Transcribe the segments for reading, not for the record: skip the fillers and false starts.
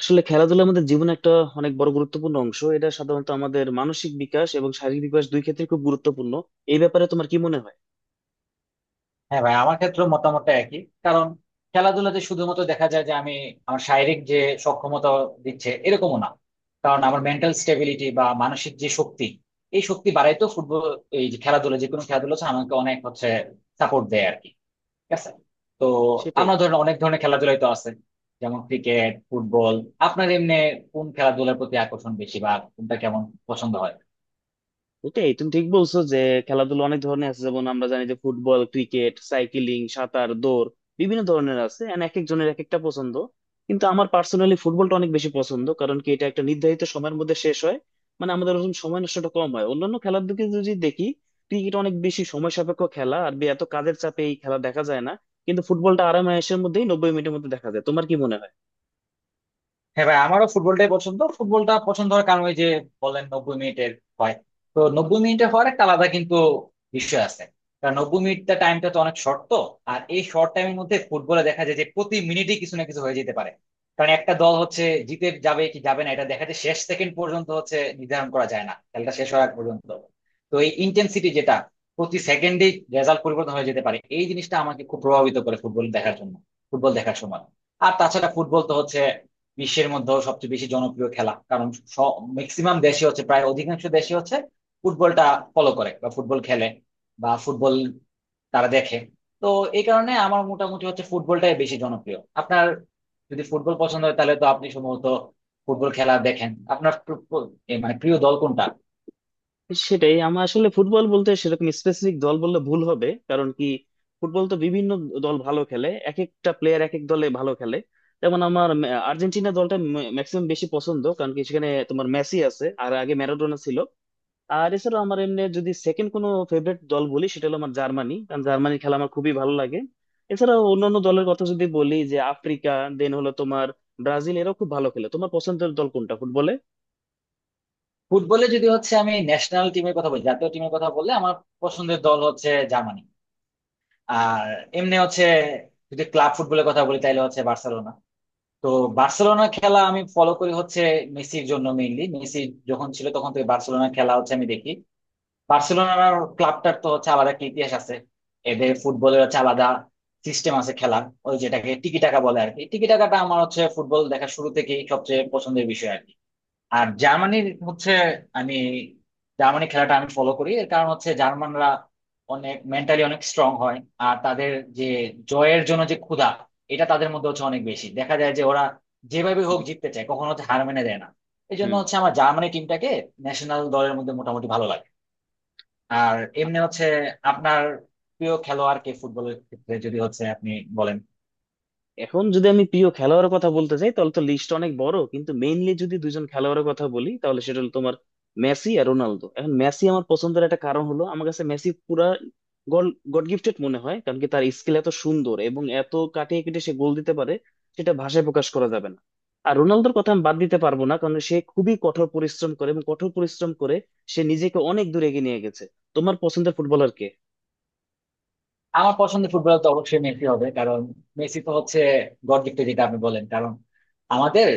আসলে খেলাধুলার আমাদের জীবনে একটা অনেক বড় গুরুত্বপূর্ণ অংশ। এটা সাধারণত আমাদের মানসিক বিকাশ এবং শারীরিক বিকাশ দুই ক্ষেত্রে খুব গুরুত্বপূর্ণ। এই ব্যাপারে তোমার কি মনে হয়? হ্যাঁ ভাই, আমার ক্ষেত্রে মতামতটা একই। কারণ খেলাধুলাতে শুধুমাত্র দেখা যায় যে আমার শারীরিক যে সক্ষমতা দিচ্ছে এরকমও না। কারণ আমার মেন্টাল স্টেবিলিটি বা মানসিক যে শক্তি, এই শক্তি বাড়াই তো ফুটবল, এই যে খেলাধুলা, যে কোনো খেলাধুলা হচ্ছে আমাকে অনেক হচ্ছে সাপোর্ট দেয় আর কি। ঠিক আছে। তো সেটাই। আমরা ধরেন অনেক ধরনের খেলাধুলাই তো আছে, যেমন ক্রিকেট, ফুটবল। আপনার এমনি কোন খেলাধুলার প্রতি আকর্ষণ বেশি বা কোনটা কেমন পছন্দ হয়? ওটাই, তুমি ঠিক বলছো যে খেলাধুলা অনেক ধরনের আছে, যেমন আমরা জানি যে ফুটবল, ক্রিকেট, সাইক্লিং, সাঁতার, দৌড়, বিভিন্ন ধরনের আছে। And এক একজনের এক একটা পছন্দ, কিন্তু আমার পার্সোনালি ফুটবলটা অনেক বেশি পছন্দ। কারণ কি, এটা একটা নির্ধারিত সময়ের মধ্যে শেষ হয়। মানে আমাদের ওরকম সময় নষ্টটা কম হয়। অন্যান্য খেলার দিকে যদি দেখি, ক্রিকেট অনেক বেশি সময় সাপেক্ষ খেলা, আর এত কাজের চাপে এই খেলা দেখা যায় না। কিন্তু ফুটবলটা আরামায়েশের মধ্যেই 90 মিনিটের মধ্যে দেখা যায়। তোমার কি মনে হয়? হ্যাঁ ভাই, আমারও ফুটবলটাই পছন্দ। ফুটবলটা পছন্দ হওয়ার কারণ ওই যে বলেন 90 মিনিটের হয়। তো 90 মিনিটে হওয়ার একটা আলাদা কিন্তু বিষয় আছে। কারণ 90 মিনিটটা, টাইমটা তো অনেক শর্ট। তো আর এই শর্ট টাইমের মধ্যে ফুটবলে দেখা যায় যে প্রতি মিনিটে কিছু না কিছু হয়ে যেতে পারে। কারণ একটা দল হচ্ছে জিতে যাবে কি যাবে না, এটা দেখা যায় শেষ সেকেন্ড পর্যন্ত হচ্ছে, নির্ধারণ করা যায় না খেলাটা শেষ হওয়ার আগ পর্যন্ত। তো এই ইন্টেন্সিটি, যেটা প্রতি সেকেন্ডেই রেজাল্ট পরিবর্তন হয়ে যেতে পারে, এই জিনিসটা আমাকে খুব প্রভাবিত করে ফুটবল দেখার জন্য, ফুটবল দেখার সময়। আর তাছাড়া ফুটবল তো হচ্ছে বিশ্বের মধ্যেও সবচেয়ে বেশি জনপ্রিয় খেলা। কারণ ম্যাক্সিমাম দেশে হচ্ছে, প্রায় অধিকাংশ দেশে হচ্ছে ফুটবলটা ফলো করে বা ফুটবল খেলে বা ফুটবল তারা দেখে। তো এই কারণে আমার মোটামুটি হচ্ছে ফুটবলটাই বেশি জনপ্রিয়। আপনার যদি ফুটবল পছন্দ হয় তাহলে তো আপনি সম্ভবত ফুটবল খেলা দেখেন। আপনার প্র- প্র- এ মানে প্রিয় দল কোনটা সেটাই। আমার আসলে ফুটবল বলতে সেরকম স্পেসিফিক দল বললে ভুল হবে। কারণ কি, ফুটবল তো বিভিন্ন দল ভালো খেলে, এক একটা প্লেয়ার এক এক দলে ভালো খেলে। যেমন আমার আর্জেন্টিনা দলটা ম্যাক্সিমাম বেশি পছন্দ, কারণ কি সেখানে তোমার মেসি আছে, আর আগে ম্যারাডোনা ছিল। আর এছাড়াও আমার এমনি যদি সেকেন্ড কোনো ফেভারিট দল বলি, সেটা হলো আমার জার্মানি, কারণ জার্মানির খেলা আমার খুবই ভালো লাগে। এছাড়াও অন্যান্য দলের কথা যদি বলি, যে আফ্রিকা, দেন হলো তোমার ব্রাজিল, এরাও খুব ভালো খেলে। তোমার পছন্দের দল কোনটা ফুটবলে? ফুটবলে? যদি হচ্ছে আমি ন্যাশনাল টিমের কথা বলি, জাতীয় টিমের কথা বললে আমার পছন্দের দল হচ্ছে জার্মানি। আর এমনি হচ্ছে, যদি ক্লাব ফুটবলের কথা বলি তাহলে হচ্ছে বার্সেলোনা। তো বার্সেলোনার খেলা আমি ফলো করি হচ্ছে মেসির জন্য। মেইনলি মেসি যখন ছিল তখন থেকে বার্সেলোনার খেলা হচ্ছে আমি দেখি। বার্সেলোনার ক্লাবটার তো হচ্ছে আলাদা একটা ইতিহাস আছে, এদের ফুটবলের হচ্ছে আলাদা সিস্টেম আছে খেলার, ওই যেটাকে টিকি টাকা বলে আর কি। টিকি টাকাটা আমার হচ্ছে ফুটবল দেখা শুরু থেকেই সবচেয়ে পছন্দের বিষয় আর কি। আর জার্মানির হচ্ছে, আমি জার্মানি খেলাটা আমি ফলো করি এর কারণ হচ্ছে জার্মানরা অনেক মেন্টালি অনেক স্ট্রং হয়। আর তাদের যে জয়ের জন্য যে ক্ষুধা, এটা তাদের মধ্যে হচ্ছে অনেক বেশি দেখা যায়, যে ওরা যেভাবে হুম। হোক জিততে চায়, কখনো হচ্ছে হার মেনে দেয় না। এই জন্য হুম। হচ্ছে আমার জার্মানি টিমটাকে ন্যাশনাল দলের মধ্যে মোটামুটি ভালো লাগে। আর এমনি হচ্ছে, আপনার প্রিয় খেলোয়াড় কে ফুটবলের ক্ষেত্রে, যদি হচ্ছে আপনি বলেন? এখন যদি আমি প্রিয় খেলোয়াড়ের কথা বলতে চাই, তাহলে তো লিস্ট অনেক বড়। কিন্তু মেইনলি যদি দুজন খেলোয়াড়ের কথা বলি, তাহলে সেটা হলো তোমার মেসি আর রোনালদো। এখন মেসি আমার পছন্দের একটা কারণ হলো, আমার কাছে মেসি পুরা গল গড গিফটেড মনে হয়। কারণ কি, তার স্কিল এত সুন্দর এবং এত কাটিয়ে কেটে সে গোল দিতে পারে, সেটা ভাষায় প্রকাশ করা যাবে না। আর রোনালদোর কথা আমি বাদ দিতে পারবো না, কারণ সে খুবই কঠোর পরিশ্রম করে, এবং কঠোর পরিশ্রম করে সে নিজেকে অনেক দূর এগিয়ে নিয়ে গেছে। তোমার পছন্দের ফুটবলার কে? আমার পছন্দের ফুটবলার তো অবশ্যই মেসি হবে। কারণ মেসি তো হচ্ছে গড়দিকটা, যেটা আপনি বলেন। কারণ আমাদের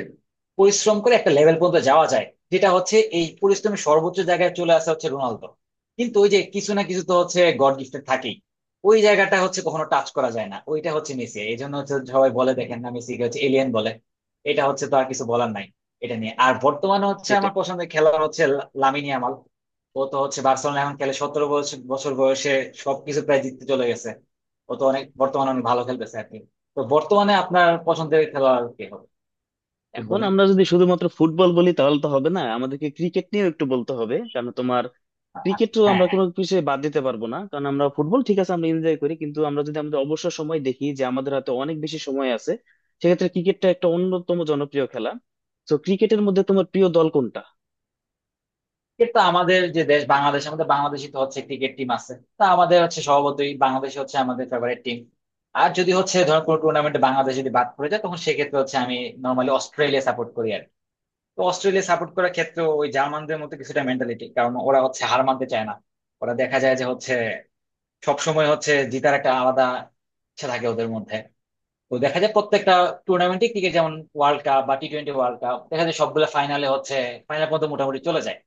পরিশ্রম করে একটা লেভেল পর্যন্ত যাওয়া যায়, যেটা হচ্ছে এই পরিশ্রমের সর্বোচ্চ জায়গায় চলে আসা, হচ্ছে রোনালদো। কিন্তু ওই যে কিছু না কিছু তো হচ্ছে গড গিফটেড থাকেই, ওই জায়গাটা হচ্ছে কখনো টাচ করা যায় না, ওইটা হচ্ছে মেসি। এই জন্য হচ্ছে সবাই বলে, দেখেন না মেসিকে হচ্ছে এলিয়েন বলে। এটা হচ্ছে তো আর কিছু বলার নাই এটা নিয়ে। আর বর্তমানে হচ্ছে সেটাই। আমার পছন্দের খেলোয়াড় হচ্ছে লামিনে ইয়ামাল। ও তো হচ্ছে বার্সেলোনা এখন খেলে, সতেরো বছর বছর বয়সে সবকিছু প্রায় জিততে চলে গেছে। ও তো অনেক, বর্তমানে অনেক ভালো খেলতেছে আর কি। তো বর্তমানে আপনার পছন্দের খেলোয়াড় কে হবে এখন ফুটবলে? আমরা যদি শুধুমাত্র ফুটবল বলি তাহলে তো হবে না, আমাদেরকে ক্রিকেট নিয়েও একটু বলতে হবে। কারণ তোমার আচ্ছা, ক্রিকেটও হ্যাঁ আমরা হ্যাঁ। কোনো কিছু বাদ দিতে পারবো না। কারণ আমরা ফুটবল ঠিক আছে আমরা এনজয় করি, কিন্তু আমরা যদি আমাদের অবসর সময় দেখি যে আমাদের হাতে অনেক বেশি সময় আছে, সেক্ষেত্রে ক্রিকেটটা একটা অন্যতম জনপ্রিয় খেলা। তো ক্রিকেটের মধ্যে তোমার প্রিয় দল কোনটা? কিন্তু আমাদের যে দেশ বাংলাদেশ, আমাদের বাংলাদেশই তো হচ্ছে ক্রিকেট টিম আছে। তা আমাদের হচ্ছে স্বভাবতই বাংলাদেশ হচ্ছে আমাদের ফেভারিট টিম। আর যদি হচ্ছে ধর কোনো টুর্নামেন্টে বাংলাদেশ যদি বাদ পড়ে যায়, তখন সেক্ষেত্রে হচ্ছে আমি নর্মালি অস্ট্রেলিয়া সাপোর্ট করি আর কি। তো অস্ট্রেলিয়া সাপোর্ট করার ক্ষেত্রে ওই জার্মানদের মতো কিছুটা মেন্টালিটি। কারণ ওরা হচ্ছে হার মানতে চায় না, ওরা দেখা যায় যে হচ্ছে সবসময় হচ্ছে জিতার একটা আলাদা ইচ্ছা থাকে ওদের মধ্যে। তো দেখা যায় প্রত্যেকটা টুর্নামেন্টে, ক্রিকেট যেমন ওয়ার্ল্ড কাপ বা টি20 ওয়ার্ল্ড কাপ, দেখা যায় সবগুলো ফাইনালে হচ্ছে, ফাইনাল পর্যন্ত মোটামুটি চলে যায়।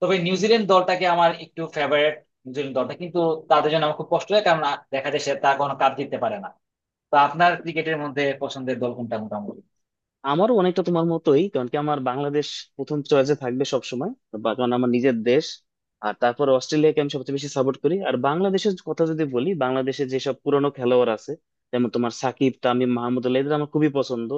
তবে নিউজিল্যান্ড দলটাকে আমার একটু ফেভারিট, নিউজিল্যান্ড দলটা কিন্তু, তাদের জন্য আমার খুব কষ্ট হয়। কারণ দেখা যায় সে তা কোনো কাপ জিততে পারে না। তো আপনার ক্রিকেটের মধ্যে পছন্দের দল কোনটা মোটামুটি? আমারও অনেকটা তোমার মতোই। কারণ কি, আমার বাংলাদেশ প্রথম চয়েসে থাকবে সব সময়, বা কারণ আমার নিজের দেশ। আর তারপরে অস্ট্রেলিয়াকে আমি সবচেয়ে বেশি সাপোর্ট করি। আর বাংলাদেশের কথা যদি বলি, বাংলাদেশে যেসব পুরনো খেলোয়াড় আছে যেমন তোমার সাকিব, তামিম, মাহমুদুল্লাহ, এদের আমার খুবই পছন্দ।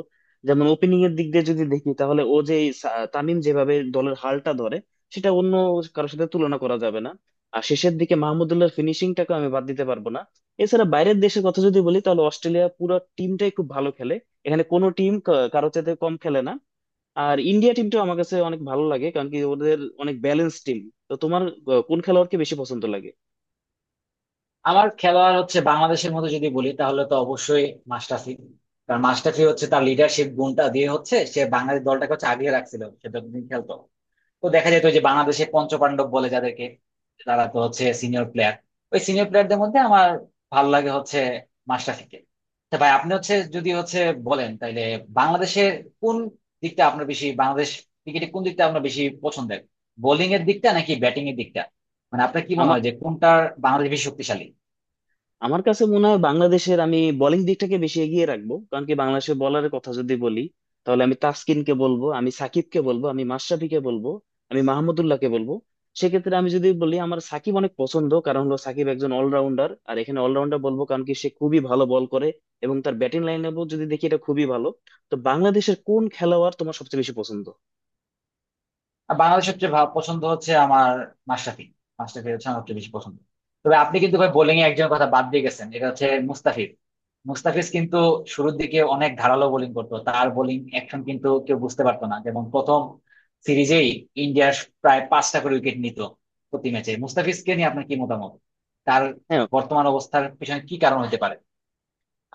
যেমন ওপেনিং এর দিক দিয়ে যদি দেখি তাহলে ও যে এই তামিম যেভাবে দলের হালটা ধরে, সেটা অন্য কারোর সাথে তুলনা করা যাবে না। আর শেষের দিকে মাহমুদুল্লাহর ফিনিশিংটাকে আমি বাদ দিতে পারবো না। এছাড়া বাইরের দেশের কথা যদি বলি, তাহলে অস্ট্রেলিয়া পুরো টিমটাই খুব ভালো খেলে, এখানে কোনো টিম কারোর চাইতে কম খেলে না। আর ইন্ডিয়া টিমটা আমার কাছে অনেক ভালো লাগে, কারণ কি ওদের অনেক ব্যালেন্স টিম। তো তোমার কোন খেলোয়াড়কে বেশি পছন্দ লাগে? আমার খেলোয়াড় হচ্ছে বাংলাদেশের মধ্যে যদি বলি তাহলে তো অবশ্যই মাশরাফি। কারণ মাশরাফি হচ্ছে তার লিডারশিপ গুণটা দিয়ে হচ্ছে সে বাংলাদেশ দলটাকে হচ্ছে আগিয়ে রাখছিল সে যতদিন খেলতো। তো দেখা যেত যে বাংলাদেশে পঞ্চপাণ্ডব বলে যাদেরকে, তারা তো হচ্ছে সিনিয়র প্লেয়ার। ওই সিনিয়র প্লেয়ারদের মধ্যে আমার ভালো লাগে হচ্ছে মাশরাফিকে। তা ভাই আপনি হচ্ছে, যদি হচ্ছে বলেন, তাইলে বাংলাদেশের কোন দিকটা আপনার বেশি, বাংলাদেশ ক্রিকেটে কোন দিকটা আপনার বেশি পছন্দের, বোলিং এর দিকটা নাকি ব্যাটিং এর দিকটা? মানে আপনার কি মনে আমার হয় যে কোনটার বাংলাদেশ বেশি শক্তিশালী? আমার কাছে মনে হয় বাংলাদেশের আমি বোলিং দিকটাকে বেশি এগিয়ে রাখবো। কারণ কি, বাংলাদেশের বলারের কথা যদি বলি তাহলে আমি তাসকিনকে বলবো, আমি সাকিবকে বলবো, আমি মাশরাফিকে বলবো, আমি মাহমুদুল্লাহকে বলবো। সেক্ষেত্রে আমি যদি বলি আমার সাকিব অনেক পছন্দ, কারণ হলো সাকিব একজন অলরাউন্ডার। আর এখানে অলরাউন্ডার বলবো কারণ কি সে খুবই ভালো বল করে, এবং তার ব্যাটিং লাইন যদি দেখি এটা খুবই ভালো। তো বাংলাদেশের কোন খেলোয়াড় তোমার সবচেয়ে বেশি পছন্দ? আর বাংলাদেশ সবচেয়ে পছন্দ হচ্ছে আমার মাশরাফি। মাশরাফি হচ্ছে আমার সবচেয়ে বেশি পছন্দ। তবে আপনি কিন্তু ভাই বোলিং এ একজনের কথা বাদ দিয়ে গেছেন, এটা হচ্ছে মুস্তাফিজ। মুস্তাফিজ কিন্তু শুরুর দিকে অনেক ধারালো বোলিং করতো, তার বোলিং অ্যাকশন কিন্তু কেউ বুঝতে পারতো না। যেমন প্রথম সিরিজেই ইন্ডিয়ার প্রায় পাঁচটা করে উইকেট নিত প্রতি ম্যাচে। মুস্তাফিজকে নিয়ে আপনার কি মতামত, তার হ্যাঁ, বর্তমান অবস্থার পিছনে কি কারণ হতে পারে?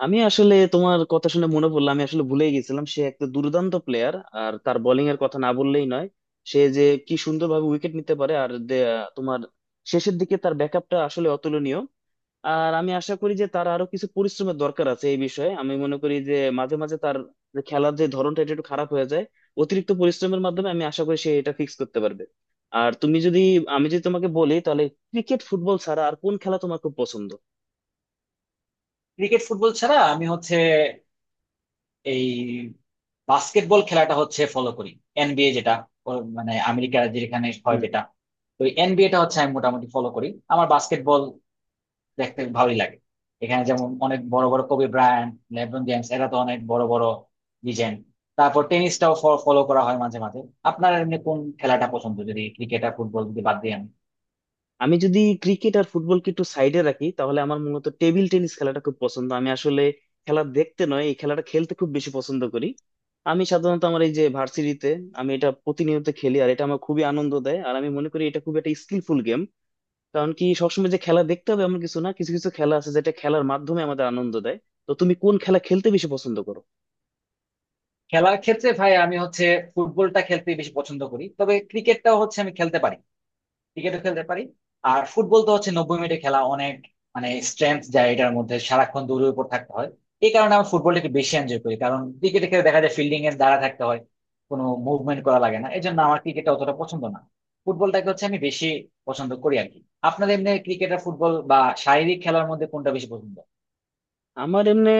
আমি আসলে তোমার কথা শুনে মনে পড়লো, আমি আসলে ভুলেই গেছিলাম, সে একটা দুর্দান্ত প্লেয়ার। আর তার বোলিং এর কথা না বললেই নয়। সে যে কি সুন্দরভাবে উইকেট নিতে পারে, আর দে- তোমার শেষের দিকে তার ব্যাকআপটা আসলে অতুলনীয়। আর আমি আশা করি যে তার আরো কিছু পরিশ্রমের দরকার আছে। এই বিষয়ে আমি মনে করি যে মাঝে মাঝে তার যে খেলার যে ধরনটা এটা একটু খারাপ হয়ে যায়। অতিরিক্ত পরিশ্রমের মাধ্যমে আমি আশা করি সে এটা ফিক্স করতে পারবে। আর তুমি যদি আমি যদি তোমাকে বলি তাহলে ক্রিকেট ফুটবল ছাড়া আর কোন খেলা তোমার খুব পছন্দ? ক্রিকেট ফুটবল ছাড়া আমি হচ্ছে এই বাস্কেটবল খেলাটা হচ্ছে ফলো করি। এনবিএ যেটা, ও, মানে আমেরিকার যেখানে হয় যেটা। তো এনবিএটা হচ্ছে আমি মোটামুটি ফলো করি। আমার বাস্কেটবল দেখতে ভালোই লাগে। এখানে যেমন অনেক বড় বড়, কোবি ব্রায়ান্ট, লেব্রন জেমস, এরা তো অনেক বড় বড় লিজেন্ড। তারপর টেনিসটাও ফলো করা হয় মাঝে মাঝে। আপনার এমনি কোন খেলাটা পছন্দ যদি ক্রিকেট আর ফুটবল যদি বাদ দিই আমি? আমি যদি ক্রিকেট আর ফুটবলকে একটু সাইডে রাখি, তাহলে আমার মূলত টেবিল টেনিস খেলাটা খুব পছন্দ। আমি আসলে খেলা দেখতে নয়, এই খেলাটা খেলতে খুব বেশি পছন্দ করি। আমি সাধারণত আমার এই যে ভার্সিটিতে আমি এটা প্রতিনিয়ত খেলি, আর এটা আমার খুবই আনন্দ দেয়। আর আমি মনে করি এটা খুব একটা স্কিলফুল গেম। কারণ কি, সবসময় যে খেলা দেখতে হবে এমন কিছু না, কিছু কিছু খেলা আছে যেটা খেলার মাধ্যমে আমাদের আনন্দ দেয়। তো তুমি কোন খেলা খেলতে বেশি পছন্দ করো? খেলার ক্ষেত্রে ভাই আমি হচ্ছে ফুটবলটা খেলতে বেশি পছন্দ করি। তবে ক্রিকেটটাও হচ্ছে আমি খেলতে পারি, ক্রিকেটও খেলতে পারি। আর ফুটবল তো হচ্ছে 90 মিনিটে খেলা, অনেক মানে স্ট্রেংথ যায় এটার মধ্যে, সারাক্ষণ দৌড়ের উপর থাকতে হয়। এই কারণে আমি ফুটবলটা একটু বেশি এনজয় করি। কারণ ক্রিকেটে খেলে দেখা যায় ফিল্ডিং এর দ্বারা থাকতে হয়, কোনো মুভমেন্ট করা লাগে না। এই জন্য আমার ক্রিকেটটা অতটা পছন্দ না, ফুটবলটাকে হচ্ছে আমি বেশি পছন্দ করি আর কি। আপনার এমনি ক্রিকেট আর ফুটবল বা শারীরিক খেলার মধ্যে কোনটা বেশি পছন্দ? আমার এমনি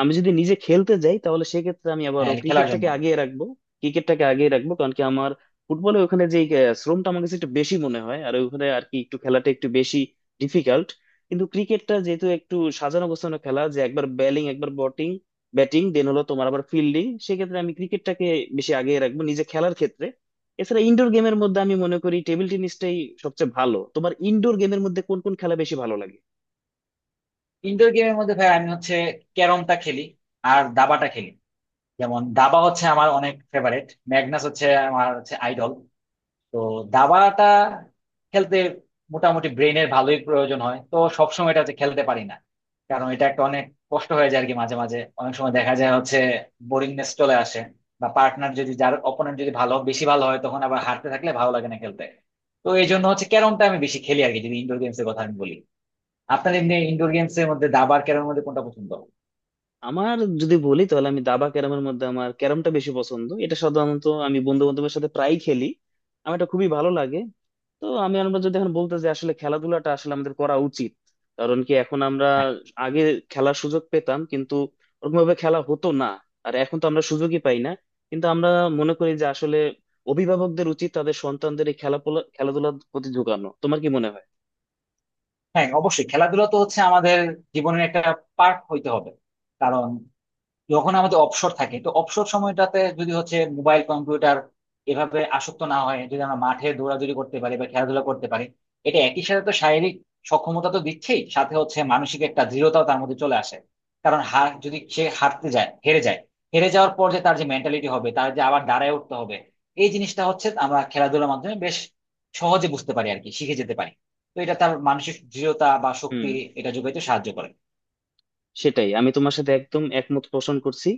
আমি যদি নিজে খেলতে যাই, তাহলে সেক্ষেত্রে আমি আবারও হ্যাঁ, খেলার ক্রিকেটটাকে জন্য। আগিয়ে রাখবো। ক্রিকেটটাকে আগিয়ে রাখবো কারণ কি আমার ফুটবলে ওখানে যে শ্রমটা আমার কাছে একটু বেশি মনে হয়, আর ওখানে আর কি একটু খেলাটা একটু বেশি ডিফিকাল্ট। কিন্তু ক্রিকেটটা যেহেতু একটু সাজানো গোছানো খেলা, যে একবার ব্যালিং একবার বটিং, ব্যাটিং, দেন হলো তোমার আবার ফিল্ডিং, সেক্ষেত্রে আমি ক্রিকেটটাকে বেশি আগিয়ে রাখবো নিজে খেলার ক্ষেত্রে। এছাড়া ইনডোর গেমের মধ্যে আমি মনে করি টেবিল টেনিসটাই সবচেয়ে ভালো। তোমার ইনডোর গেমের মধ্যে কোন কোন খেলা বেশি ভালো লাগে? ইনডোর গেমের মধ্যে ভাই আমি হচ্ছে ক্যারমটা খেলি আর দাবাটা খেলি। যেমন দাবা হচ্ছে আমার অনেক ফেভারিট, ম্যাগনাস হচ্ছে আমার হচ্ছে আইডল। তো দাবাটা খেলতে মোটামুটি ব্রেনের ভালোই প্রয়োজন হয়, তো সবসময় এটা হচ্ছে খেলতে পারি না। কারণ এটা একটা অনেক কষ্ট হয়ে যায় আর কি। মাঝে মাঝে অনেক সময় দেখা যায় হচ্ছে বোরিংনেস চলে আসে, বা পার্টনার যদি, যার অপোনেন্ট যদি ভালো, বেশি ভালো হয়, তখন আবার হারতে থাকলে ভালো লাগে না খেলতে। তো এই জন্য হচ্ছে ক্যারমটা আমি বেশি খেলি আর কি, যদি ইনডোর গেমস এর কথা আমি বলি। আপনার এমনি ইনডোর গেমস এর মধ্যে দাবা আর ক্যারমের মধ্যে কোনটা পছন্দ? আমার যদি বলি, তাহলে আমি দাবা ক্যারামের মধ্যে আমার ক্যারামটা বেশি পছন্দ। এটা সাধারণত আমি বন্ধু বান্ধবের সাথে প্রায় খেলি, আমার এটা খুবই ভালো লাগে। তো আমি আমরা যদি এখন বলতে যে আসলে খেলাধুলাটা আসলে আমাদের করা উচিত। কারণ কি এখন আমরা হ্যাঁ। আগে খেলার সুযোগ পেতাম, কিন্তু ওরকম ভাবে খেলা হতো না। আর এখন তো আমরা সুযোগই পাই না। কিন্তু আমরা মনে করি যে আসলে অভিভাবকদের উচিত তাদের সন্তানদের এই খেলা খেলাধুলার প্রতি ঝুঁকানো। তোমার কি মনে হয়? হ্যাঁ, অবশ্যই। খেলাধুলা তো হচ্ছে আমাদের জীবনের একটা পার্ট হইতে হবে। কারণ যখন আমাদের অবসর থাকে, তো অবসর সময়টাতে যদি হচ্ছে মোবাইল, কম্পিউটার, এভাবে আসক্ত না হয়, যদি আমরা মাঠে দৌড়াদৌড়ি করতে পারি বা খেলাধুলা করতে পারি, এটা একই সাথে তো শারীরিক সক্ষমতা তো দিচ্ছেই, সাথে হচ্ছে মানসিক একটা দৃঢ়তাও তার মধ্যে চলে আসে। কারণ হার যদি সে হারতে যায়, হেরে যায়, হেরে যাওয়ার পর যে তার যে মেন্টালিটি হবে, তার যে আবার দাঁড়ায় উঠতে হবে, এই জিনিসটা হচ্ছে আমরা খেলাধুলার মাধ্যমে বেশ সহজে বুঝতে পারি আর কি, শিখে যেতে পারি। তো এটা তার মানসিক দৃঢ়তা বা শক্তি, হুম। এটা যোগাইতে সাহায্য করে। সেটাই, আমি তোমার সাথে একদম একমত পোষণ করছি।